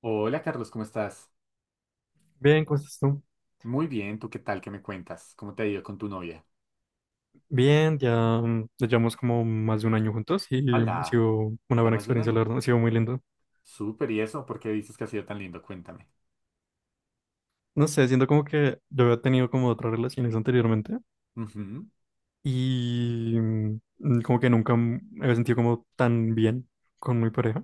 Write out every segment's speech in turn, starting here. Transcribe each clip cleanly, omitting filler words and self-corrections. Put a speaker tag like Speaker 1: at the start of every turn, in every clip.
Speaker 1: Hola Carlos, ¿cómo estás?
Speaker 2: Bien, ¿cómo estás tú?
Speaker 1: Muy bien, ¿tú qué tal? ¿Qué me cuentas? ¿Cómo te ha ido con tu novia?
Speaker 2: Bien, ya, ya llevamos como más de un año juntos y ha
Speaker 1: Hola,
Speaker 2: sido una
Speaker 1: ¿ya
Speaker 2: buena
Speaker 1: más de un
Speaker 2: experiencia, la
Speaker 1: año?
Speaker 2: verdad, ha sido muy lindo.
Speaker 1: Súper, ¿y eso? ¿Por qué dices que ha sido tan lindo? Cuéntame.
Speaker 2: No sé, siento como que yo había tenido como otras relaciones anteriormente
Speaker 1: Ujú.
Speaker 2: y como que nunca me había sentido como tan bien con mi pareja,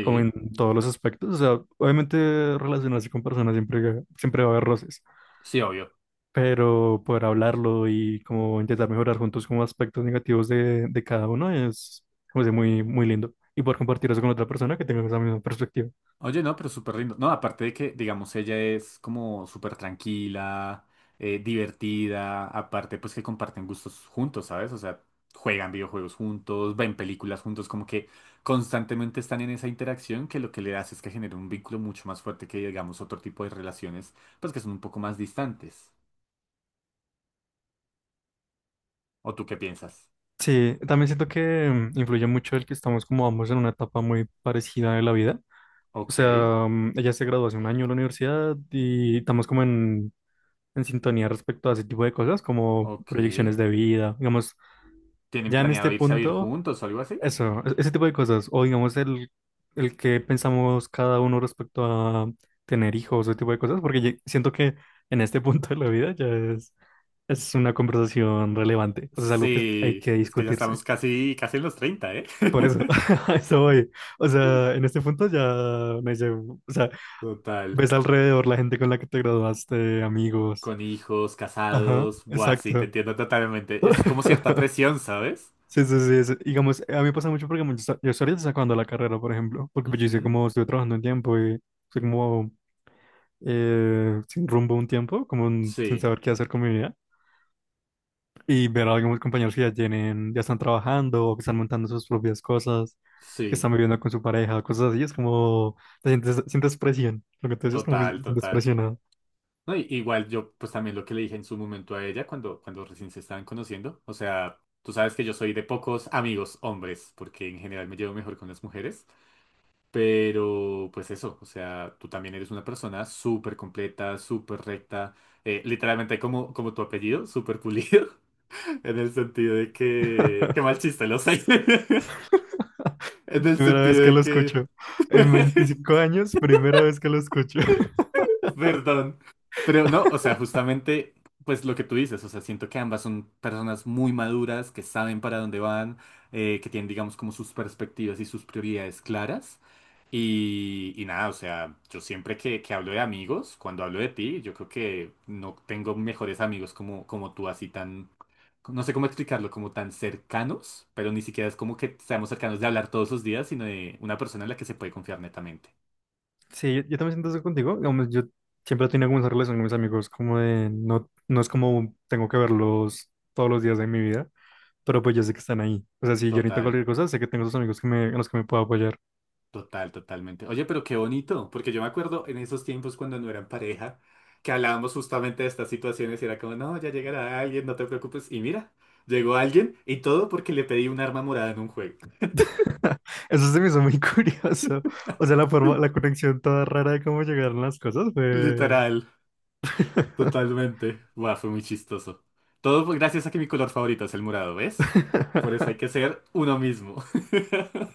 Speaker 2: como en todos los aspectos. O sea, obviamente relacionarse con personas siempre, siempre va a haber roces.
Speaker 1: sí, obvio.
Speaker 2: Pero poder hablarlo y como intentar mejorar juntos como aspectos negativos de cada uno es como sea, muy, muy lindo. Y poder compartir eso con otra persona que tenga esa misma perspectiva.
Speaker 1: Oye, no, pero súper lindo. No, aparte de que, digamos, ella es como súper tranquila, divertida, aparte pues que comparten gustos juntos, ¿sabes? O sea, juegan videojuegos juntos, ven películas juntos, como que constantemente están en esa interacción que lo que le hace es que genera un vínculo mucho más fuerte que, digamos, otro tipo de relaciones, pues que son un poco más distantes. ¿O tú qué piensas?
Speaker 2: Sí, también siento que influye mucho el que estamos como ambos en una etapa muy parecida de la vida. O
Speaker 1: Ok,
Speaker 2: sea, ella se graduó hace un año de la universidad y estamos como en sintonía respecto a ese tipo de cosas, como
Speaker 1: ok.
Speaker 2: proyecciones de vida. Digamos,
Speaker 1: ¿Tienen
Speaker 2: ya en
Speaker 1: planeado
Speaker 2: este
Speaker 1: irse a vivir
Speaker 2: punto
Speaker 1: juntos o algo así?
Speaker 2: eso, ese tipo de cosas. O digamos el que pensamos cada uno respecto a tener hijos, ese tipo de cosas, porque siento que en este punto de la vida ya es una conversación relevante. O sea, es algo que hay
Speaker 1: Sí,
Speaker 2: que
Speaker 1: es que ya
Speaker 2: discutirse.
Speaker 1: estamos casi, casi en los 30, ¿eh?
Speaker 2: Por eso, a eso voy. O sea, en este punto ya o sea,
Speaker 1: Total.
Speaker 2: ves alrededor la gente con la que te graduaste, amigos.
Speaker 1: Con hijos,
Speaker 2: Ajá,
Speaker 1: casados. Buah, sí, te
Speaker 2: exacto.
Speaker 1: entiendo totalmente. Es como cierta presión, ¿sabes?
Speaker 2: Sí, sí, sí, sí. Digamos, a mí me pasa mucho porque como yo estoy ahorita sacando la carrera, por ejemplo, porque pues yo hice
Speaker 1: Ujú.
Speaker 2: como, estuve trabajando un tiempo y estoy como sin rumbo un tiempo, como sin
Speaker 1: Sí,
Speaker 2: saber qué hacer con mi vida. Y ver a algunos compañeros que ya tienen, ya están trabajando o que están montando sus propias cosas, que
Speaker 1: sí,
Speaker 2: están viviendo con su pareja, cosas así, es como, te sientes, sientes presión, lo que te dices es como que te
Speaker 1: total,
Speaker 2: sientes
Speaker 1: total.
Speaker 2: presionado.
Speaker 1: No, igual yo, pues también lo que le dije en su momento a ella cuando recién se estaban conociendo. O sea, tú sabes que yo soy de pocos amigos hombres, porque en general me llevo mejor con las mujeres. Pero, pues eso, o sea, tú también eres una persona súper completa, súper recta. Literalmente como tu apellido, súper pulido. En el sentido de que... Qué mal chiste, lo sé. En el
Speaker 2: Primera vez
Speaker 1: sentido
Speaker 2: que
Speaker 1: de
Speaker 2: lo
Speaker 1: que...
Speaker 2: escucho. En 25 años, primera vez que lo escucho.
Speaker 1: Perdón. Pero no, o sea, justamente, pues lo que tú dices, o sea, siento que ambas son personas muy maduras, que saben para dónde van, que tienen, digamos, como sus perspectivas y sus prioridades claras. Y nada, o sea, yo siempre que hablo de amigos, cuando hablo de ti, yo creo que no tengo mejores amigos como tú, así tan, no sé cómo explicarlo, como tan cercanos, pero ni siquiera es como que seamos cercanos de hablar todos los días, sino de una persona en la que se puede confiar netamente.
Speaker 2: Sí, yo también siento eso contigo. Digamos, yo siempre he tenido como esa relación con mis amigos, como de no es como tengo que verlos todos los días de mi vida, pero pues yo sé que están ahí. O sea, si yo necesito
Speaker 1: Total.
Speaker 2: cualquier cosa, sé que tengo esos amigos en los que me puedo apoyar.
Speaker 1: Total, totalmente. Oye, pero qué bonito, porque yo me acuerdo en esos tiempos cuando no eran pareja, que hablábamos justamente de estas situaciones y era como, no, ya llegará alguien, no te preocupes. Y mira, llegó alguien y todo porque le pedí un arma morada en un juego.
Speaker 2: Eso se me hizo muy curioso. O sea, la forma, la conexión toda rara de cómo llegaron las cosas fue.
Speaker 1: Literal, totalmente. Buah, fue muy chistoso. Todo fue gracias a que mi color favorito es el morado, ¿ves? Por eso hay que ser uno mismo.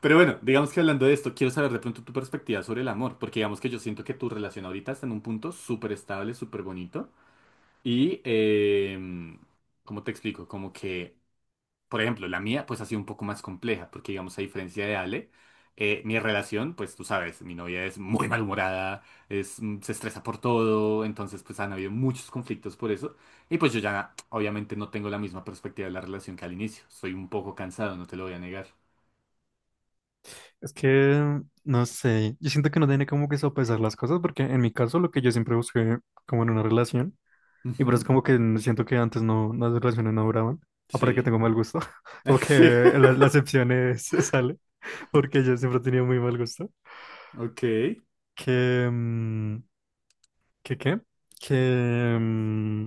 Speaker 1: Pero bueno, digamos que hablando de esto, quiero saber de pronto tu perspectiva sobre el amor, porque digamos que yo siento que tu relación ahorita está en un punto súper estable, súper bonito. Y, eh, ¿Cómo te explico? Como que, por ejemplo, la mía pues ha sido un poco más compleja, porque digamos, a diferencia de Ale, mi relación, pues tú sabes, mi novia es muy malhumorada, se estresa por todo, entonces pues han habido muchos conflictos por eso. Y pues yo ya obviamente no tengo la misma perspectiva de la relación que al inicio, soy un poco cansado, no te lo voy a negar.
Speaker 2: Es que no sé. Yo siento que no tiene como que sopesar las cosas, porque en mi caso, lo que yo siempre busqué como en una relación. Y por
Speaker 1: Ujú.
Speaker 2: eso como que siento que antes no, las relaciones no duraban. Aparte que
Speaker 1: Sí.
Speaker 2: tengo mal gusto. Como que la excepción es, sale. Porque yo siempre he tenido muy mal gusto.
Speaker 1: Ok.
Speaker 2: Que... mm, ¿Que qué? Que... mm,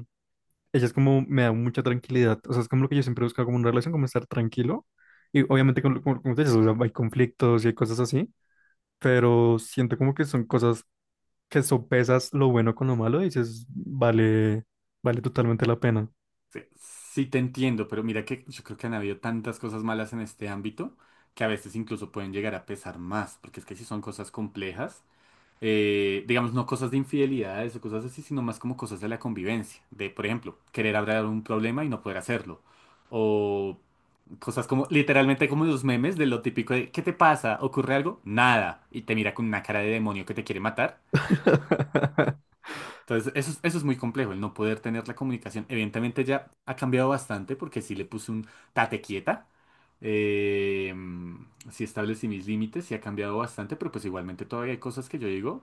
Speaker 2: ella es como, me da mucha tranquilidad. O sea, es como lo que yo siempre he buscado como una relación, como estar tranquilo. Y obviamente, como te dices, o sea, hay conflictos y hay cosas así. Pero siento como que son cosas que sopesas lo bueno con lo malo y dices, vale, vale totalmente la pena.
Speaker 1: Sí, sí te entiendo, pero mira que yo creo que han habido tantas cosas malas en este ámbito que a veces incluso pueden llegar a pesar más, porque es que si son cosas complejas, digamos, no cosas de infidelidades o cosas así, sino más como cosas de la convivencia, de, por ejemplo, querer hablar un problema y no poder hacerlo, o cosas como, literalmente como los memes de lo típico de, ¿qué te pasa? ¿Ocurre algo? Nada, y te mira con una cara de demonio que te quiere matar. Entonces, eso, eso es muy complejo, el no poder tener la comunicación. Evidentemente ya ha cambiado bastante porque sí le puse un tate quieta, eh, sí establecí mis límites, sí ha cambiado bastante, pero pues igualmente todavía hay cosas que yo digo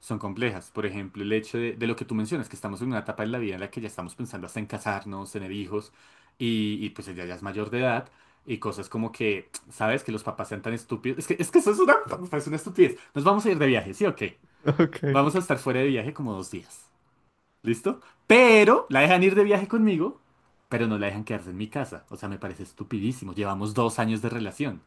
Speaker 1: son complejas. Por ejemplo, el hecho de lo que tú mencionas, que estamos en una etapa en la vida en la que ya estamos pensando hasta en casarnos, tener hijos, y pues ella ya es mayor de edad. Y cosas como que, ¿sabes? Que los papás sean tan estúpidos. Es que eso es una, es una estupidez. Nos vamos a ir de viaje, ¿sí o qué?
Speaker 2: Ok.
Speaker 1: Vamos a estar fuera de viaje como 2 días. ¿Listo? Pero la dejan ir de viaje conmigo, pero no la dejan quedarse en mi casa. O sea, me parece estupidísimo. Llevamos 2 años de relación.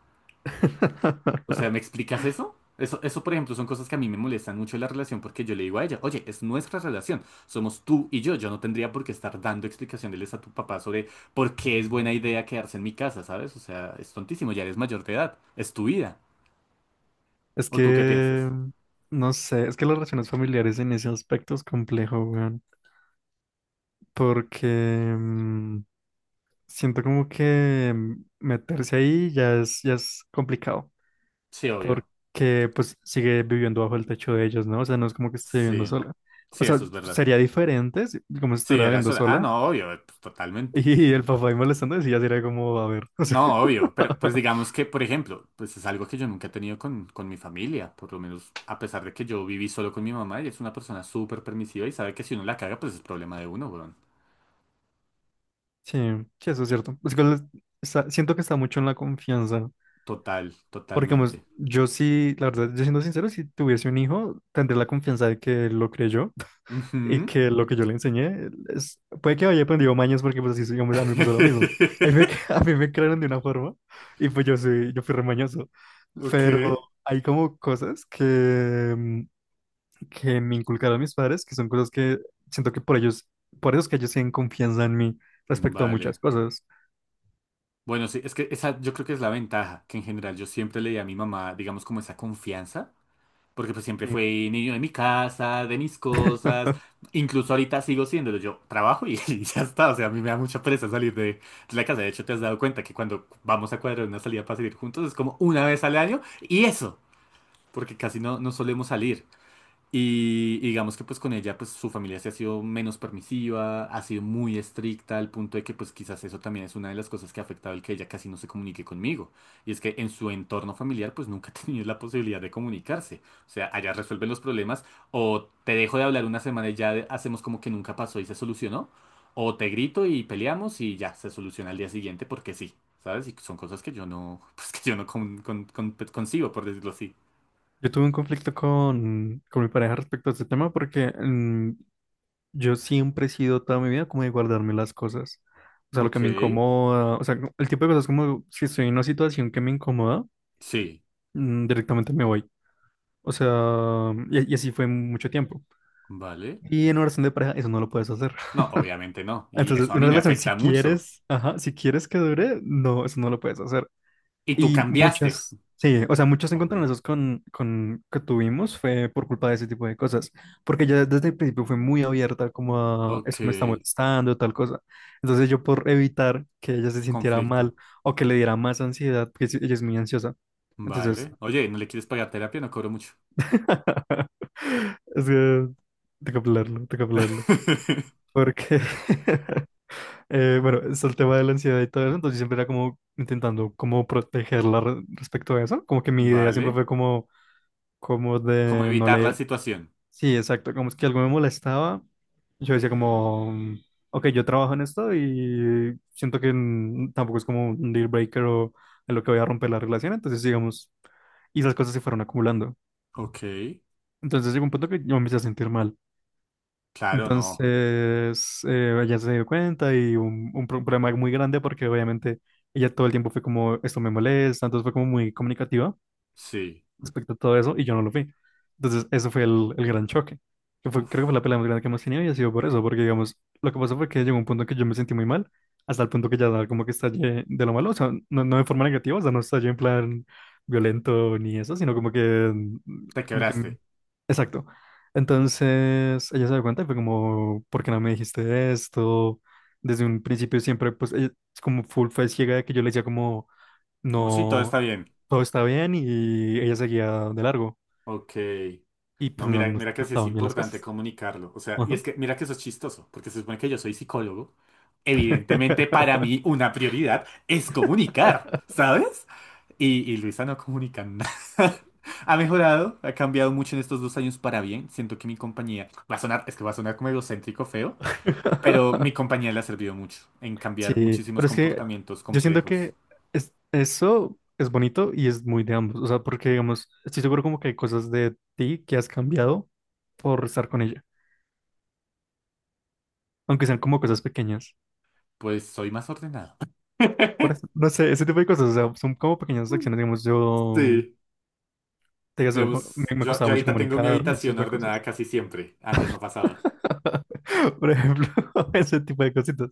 Speaker 1: O sea, ¿me explicas eso? Eso, por ejemplo, son cosas que a mí me molestan mucho de la relación porque yo le digo a ella, oye, es nuestra relación, somos tú y yo no tendría por qué estar dando explicaciones a tu papá sobre por qué es buena idea quedarse en mi casa, ¿sabes? O sea, es tontísimo, ya eres mayor de edad, es tu vida.
Speaker 2: Es
Speaker 1: ¿O tú qué
Speaker 2: que,
Speaker 1: piensas?
Speaker 2: no sé, es que las relaciones familiares en ese aspecto es complejo, weón. Porque mm, siento como que meterse ahí ya es complicado.
Speaker 1: Sí, obvio.
Speaker 2: Porque pues sigue viviendo bajo el techo de ellos, ¿no? O sea, no es como que esté viviendo
Speaker 1: Sí,
Speaker 2: sola. O
Speaker 1: sí,
Speaker 2: sea,
Speaker 1: eso es verdad.
Speaker 2: sería diferente como si
Speaker 1: Sí,
Speaker 2: estuviera
Speaker 1: era
Speaker 2: viviendo
Speaker 1: eso. Ah,
Speaker 2: sola.
Speaker 1: no, obvio, pues, totalmente.
Speaker 2: Y el papá ahí molestando, sí ya sería como, a ver, o sea.
Speaker 1: No, obvio, pero pues digamos que, por ejemplo, pues es algo que yo nunca he tenido con mi familia, por lo menos a pesar de que yo viví solo con mi mamá, ella es una persona súper permisiva y sabe que si uno la caga, pues es problema de uno, weón.
Speaker 2: Sí, sí, eso es cierto. Es que siento que está mucho en la confianza.
Speaker 1: Total,
Speaker 2: Porque, pues,
Speaker 1: totalmente.
Speaker 2: yo sí, la verdad, yo siendo sincero, si tuviese un hijo, tendría la confianza de que él lo creyó y
Speaker 1: Ujú.
Speaker 2: que lo que yo le enseñé es, puede que haya aprendido mañas porque, pues, así, digamos, a mí me pasó lo mismo. A mí me crearon de una forma y, pues, yo sí, yo fui remañoso.
Speaker 1: Ok.
Speaker 2: Pero hay como cosas que me inculcaron mis padres, que son cosas que siento que por ellos, por eso es que ellos tienen confianza en mí respecto a muchas
Speaker 1: Vale.
Speaker 2: cosas.
Speaker 1: Bueno, sí, es que esa yo creo que es la ventaja, que en general yo siempre le di a mi mamá, digamos, como esa confianza. Porque pues siempre
Speaker 2: Sí.
Speaker 1: fui niño de mi casa, de mis cosas. Incluso ahorita sigo siéndolo. Yo trabajo y, y ya está. O sea, a mí me da mucha pereza salir de la casa. De hecho, te has dado cuenta que cuando vamos a cuadrar una salida para salir juntos es como una vez al año. Y eso, porque casi no solemos salir. Y digamos que pues con ella pues su familia se ha sido menos permisiva, ha sido muy estricta al punto de que pues quizás eso también es una de las cosas que ha afectado el que ella casi no se comunique conmigo. Y es que en su entorno familiar pues nunca ha tenido la posibilidad de comunicarse. O sea, allá resuelven los problemas o te dejo de hablar una semana y ya hacemos como que nunca pasó y se solucionó. O te grito y peleamos y ya se soluciona al día siguiente porque sí, ¿sabes? Y son cosas que yo no, pues que yo no concibo, por decirlo así.
Speaker 2: Yo tuve un conflicto con mi pareja respecto a este tema porque yo siempre he sido toda mi vida como de guardarme las cosas. O sea, lo que
Speaker 1: Ok,
Speaker 2: me incomoda, o sea, el tipo de cosas como si estoy en una situación que me incomoda,
Speaker 1: sí,
Speaker 2: directamente me voy. O sea, y así fue mucho tiempo.
Speaker 1: vale.
Speaker 2: Y en una relación de pareja eso no lo puedes hacer.
Speaker 1: No, obviamente no. Y
Speaker 2: Entonces,
Speaker 1: eso a
Speaker 2: una
Speaker 1: mí me
Speaker 2: relación si
Speaker 1: afecta mucho.
Speaker 2: quieres, ajá, si quieres que dure, no, eso no lo puedes hacer.
Speaker 1: Y tú
Speaker 2: Y
Speaker 1: cambiaste.
Speaker 2: sí, o sea, muchos
Speaker 1: Obvio.
Speaker 2: encontronazos que tuvimos fue por culpa de ese tipo de cosas, porque ella desde el principio fue muy abierta como a eso
Speaker 1: Ok.
Speaker 2: me está molestando, tal cosa. Entonces yo por evitar que ella se sintiera
Speaker 1: Conflicto.
Speaker 2: mal o que le diera más ansiedad, porque sí, ella es muy ansiosa. Entonces,
Speaker 1: Vale. Oye, ¿no le quieres pagar terapia? No cobro mucho.
Speaker 2: es que tengo que hablarlo, tengo que hablarlo. Porque, bueno, es el tema de la ansiedad y todo eso, entonces siempre era como intentando como protegerla respecto a eso, como que mi idea siempre
Speaker 1: Vale.
Speaker 2: fue como
Speaker 1: ¿Cómo
Speaker 2: de no
Speaker 1: evitar la
Speaker 2: le.
Speaker 1: situación?
Speaker 2: Sí, exacto, como es que algo me molestaba. Yo decía como, ok, yo trabajo en esto y siento que tampoco es como un deal breaker o en lo que voy a romper la relación, entonces digamos, y esas cosas se fueron acumulando.
Speaker 1: Ok.
Speaker 2: Entonces llegó un punto que yo me empecé a sentir mal.
Speaker 1: Claro,
Speaker 2: Entonces
Speaker 1: no.
Speaker 2: ella se dio cuenta y un problema muy grande porque obviamente ella todo el tiempo fue como, esto me molesta, entonces fue como muy comunicativa,
Speaker 1: Sí.
Speaker 2: respecto a todo eso y yo no lo vi. Entonces, eso fue el gran choque. Que creo que fue
Speaker 1: Uf.
Speaker 2: la pelea más grande que hemos tenido y ha sido por eso, porque digamos, lo que pasó fue que llegó un punto en que yo me sentí muy mal, hasta el punto que ya como que estallé de lo malo, o sea, no, no de forma negativa, o sea, no estallé en plan violento ni eso, sino
Speaker 1: Te
Speaker 2: como que,
Speaker 1: quebraste.
Speaker 2: exacto. Entonces, ella se dio cuenta y fue como, ¿por qué no me dijiste esto? Desde un principio siempre, pues, ella es como full fue ciega de que yo le decía como
Speaker 1: Como si todo
Speaker 2: no,
Speaker 1: está bien.
Speaker 2: todo estaba bien y ella seguía de largo
Speaker 1: Ok.
Speaker 2: y pues
Speaker 1: No,
Speaker 2: no,
Speaker 1: mira, mira que
Speaker 2: no
Speaker 1: sí es
Speaker 2: estaban bien las
Speaker 1: importante
Speaker 2: cosas.
Speaker 1: comunicarlo. O sea, y
Speaker 2: Ajá.
Speaker 1: es que mira que eso es chistoso, porque se supone que yo soy psicólogo. Evidentemente, para mí, una prioridad es comunicar, ¿sabes? Y Luisa no comunica nada. Ha mejorado, ha cambiado mucho en estos 2 años para bien. Siento que mi compañía va a sonar, es que va a sonar como egocéntrico feo, pero mi compañía le ha servido mucho en cambiar
Speaker 2: Sí,
Speaker 1: muchísimos
Speaker 2: pero es que
Speaker 1: comportamientos
Speaker 2: yo siento
Speaker 1: complejos.
Speaker 2: que eso es bonito y es muy de ambos, o sea, porque digamos, estoy seguro como que hay cosas de ti que has cambiado por estar con ella, aunque sean como cosas pequeñas.
Speaker 1: Pues soy más ordenado.
Speaker 2: Por eso, no sé, ese tipo de cosas, o sea, son como pequeñas acciones, digamos, yo,
Speaker 1: Sí.
Speaker 2: te digo, eso,
Speaker 1: Digamos,
Speaker 2: me
Speaker 1: yo,
Speaker 2: costaba
Speaker 1: yo
Speaker 2: mucho
Speaker 1: ahorita tengo mi
Speaker 2: comunicarme, ese
Speaker 1: habitación
Speaker 2: tipo de
Speaker 1: ordenada
Speaker 2: cosas.
Speaker 1: casi siempre. Antes no pasaba.
Speaker 2: Por ejemplo, ese tipo de cositas.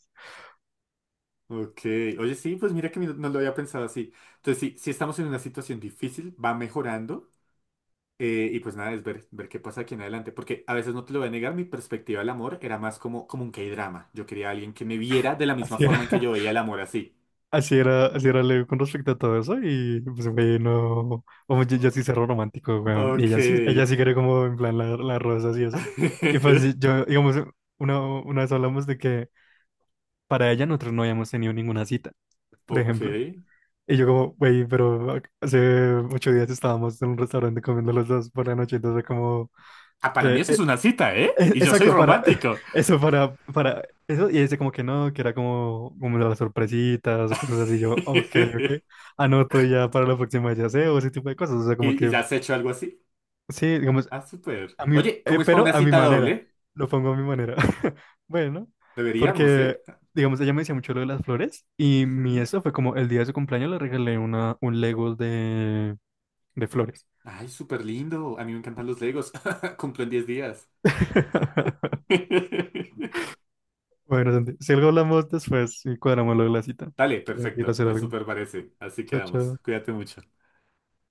Speaker 1: Ok. Oye, sí, pues mira que no lo había pensado así. Entonces, sí, sí estamos en una situación difícil, va mejorando. Y pues nada, es ver qué pasa aquí en adelante. Porque a veces no te lo voy a negar, mi perspectiva del amor era más como un K-drama. Yo quería a alguien que me viera de la misma
Speaker 2: Así era,
Speaker 1: forma en que yo veía el amor así.
Speaker 2: así era Leo con respecto a todo eso. Y pues, güey, no. Vamos, yo sí cerro romántico, weón. Y
Speaker 1: Ok.
Speaker 2: ella sí quiere, como, en plan, las rosas y eso. Y pues, sí, yo, digamos, una vez hablamos de que para ella nosotros no habíamos tenido ninguna cita, por
Speaker 1: Ok.
Speaker 2: ejemplo. Y yo, como, güey, pero hace 8 días estábamos en un restaurante comiendo los dos por la noche. Entonces, como,
Speaker 1: Ah, para mí
Speaker 2: que
Speaker 1: eso es una cita, ¿eh? Y yo soy
Speaker 2: Exacto, para
Speaker 1: romántico.
Speaker 2: eso, para eso, y dice como que no, que era como, como las sorpresitas o cosas así, yo, ok, ok, anoto ya para la próxima ya sé, o ese tipo de cosas, o sea, como
Speaker 1: ¿Y
Speaker 2: que,
Speaker 1: ya has hecho algo así?
Speaker 2: sí, digamos,
Speaker 1: Ah, súper.
Speaker 2: a mí,
Speaker 1: Oye, ¿cómo es para una
Speaker 2: pero a mi
Speaker 1: cita
Speaker 2: manera,
Speaker 1: doble?
Speaker 2: lo pongo a mi manera, bueno,
Speaker 1: Deberíamos,
Speaker 2: porque,
Speaker 1: ¿eh?
Speaker 2: digamos, ella me decía mucho lo de las flores, y mi
Speaker 1: Ujú.
Speaker 2: eso fue como el día de su cumpleaños le regalé un Lego de, flores.
Speaker 1: Ay, súper lindo. A mí me encantan los Legos. Cumplo en 10 días.
Speaker 2: Bueno, Santi, si algo hablamos después y cuadramos lo de la cita,
Speaker 1: Dale,
Speaker 2: que tengo que ir a
Speaker 1: perfecto.
Speaker 2: hacer
Speaker 1: Me
Speaker 2: algo.
Speaker 1: súper parece. Así
Speaker 2: Chao,
Speaker 1: quedamos.
Speaker 2: chao.
Speaker 1: Cuídate mucho.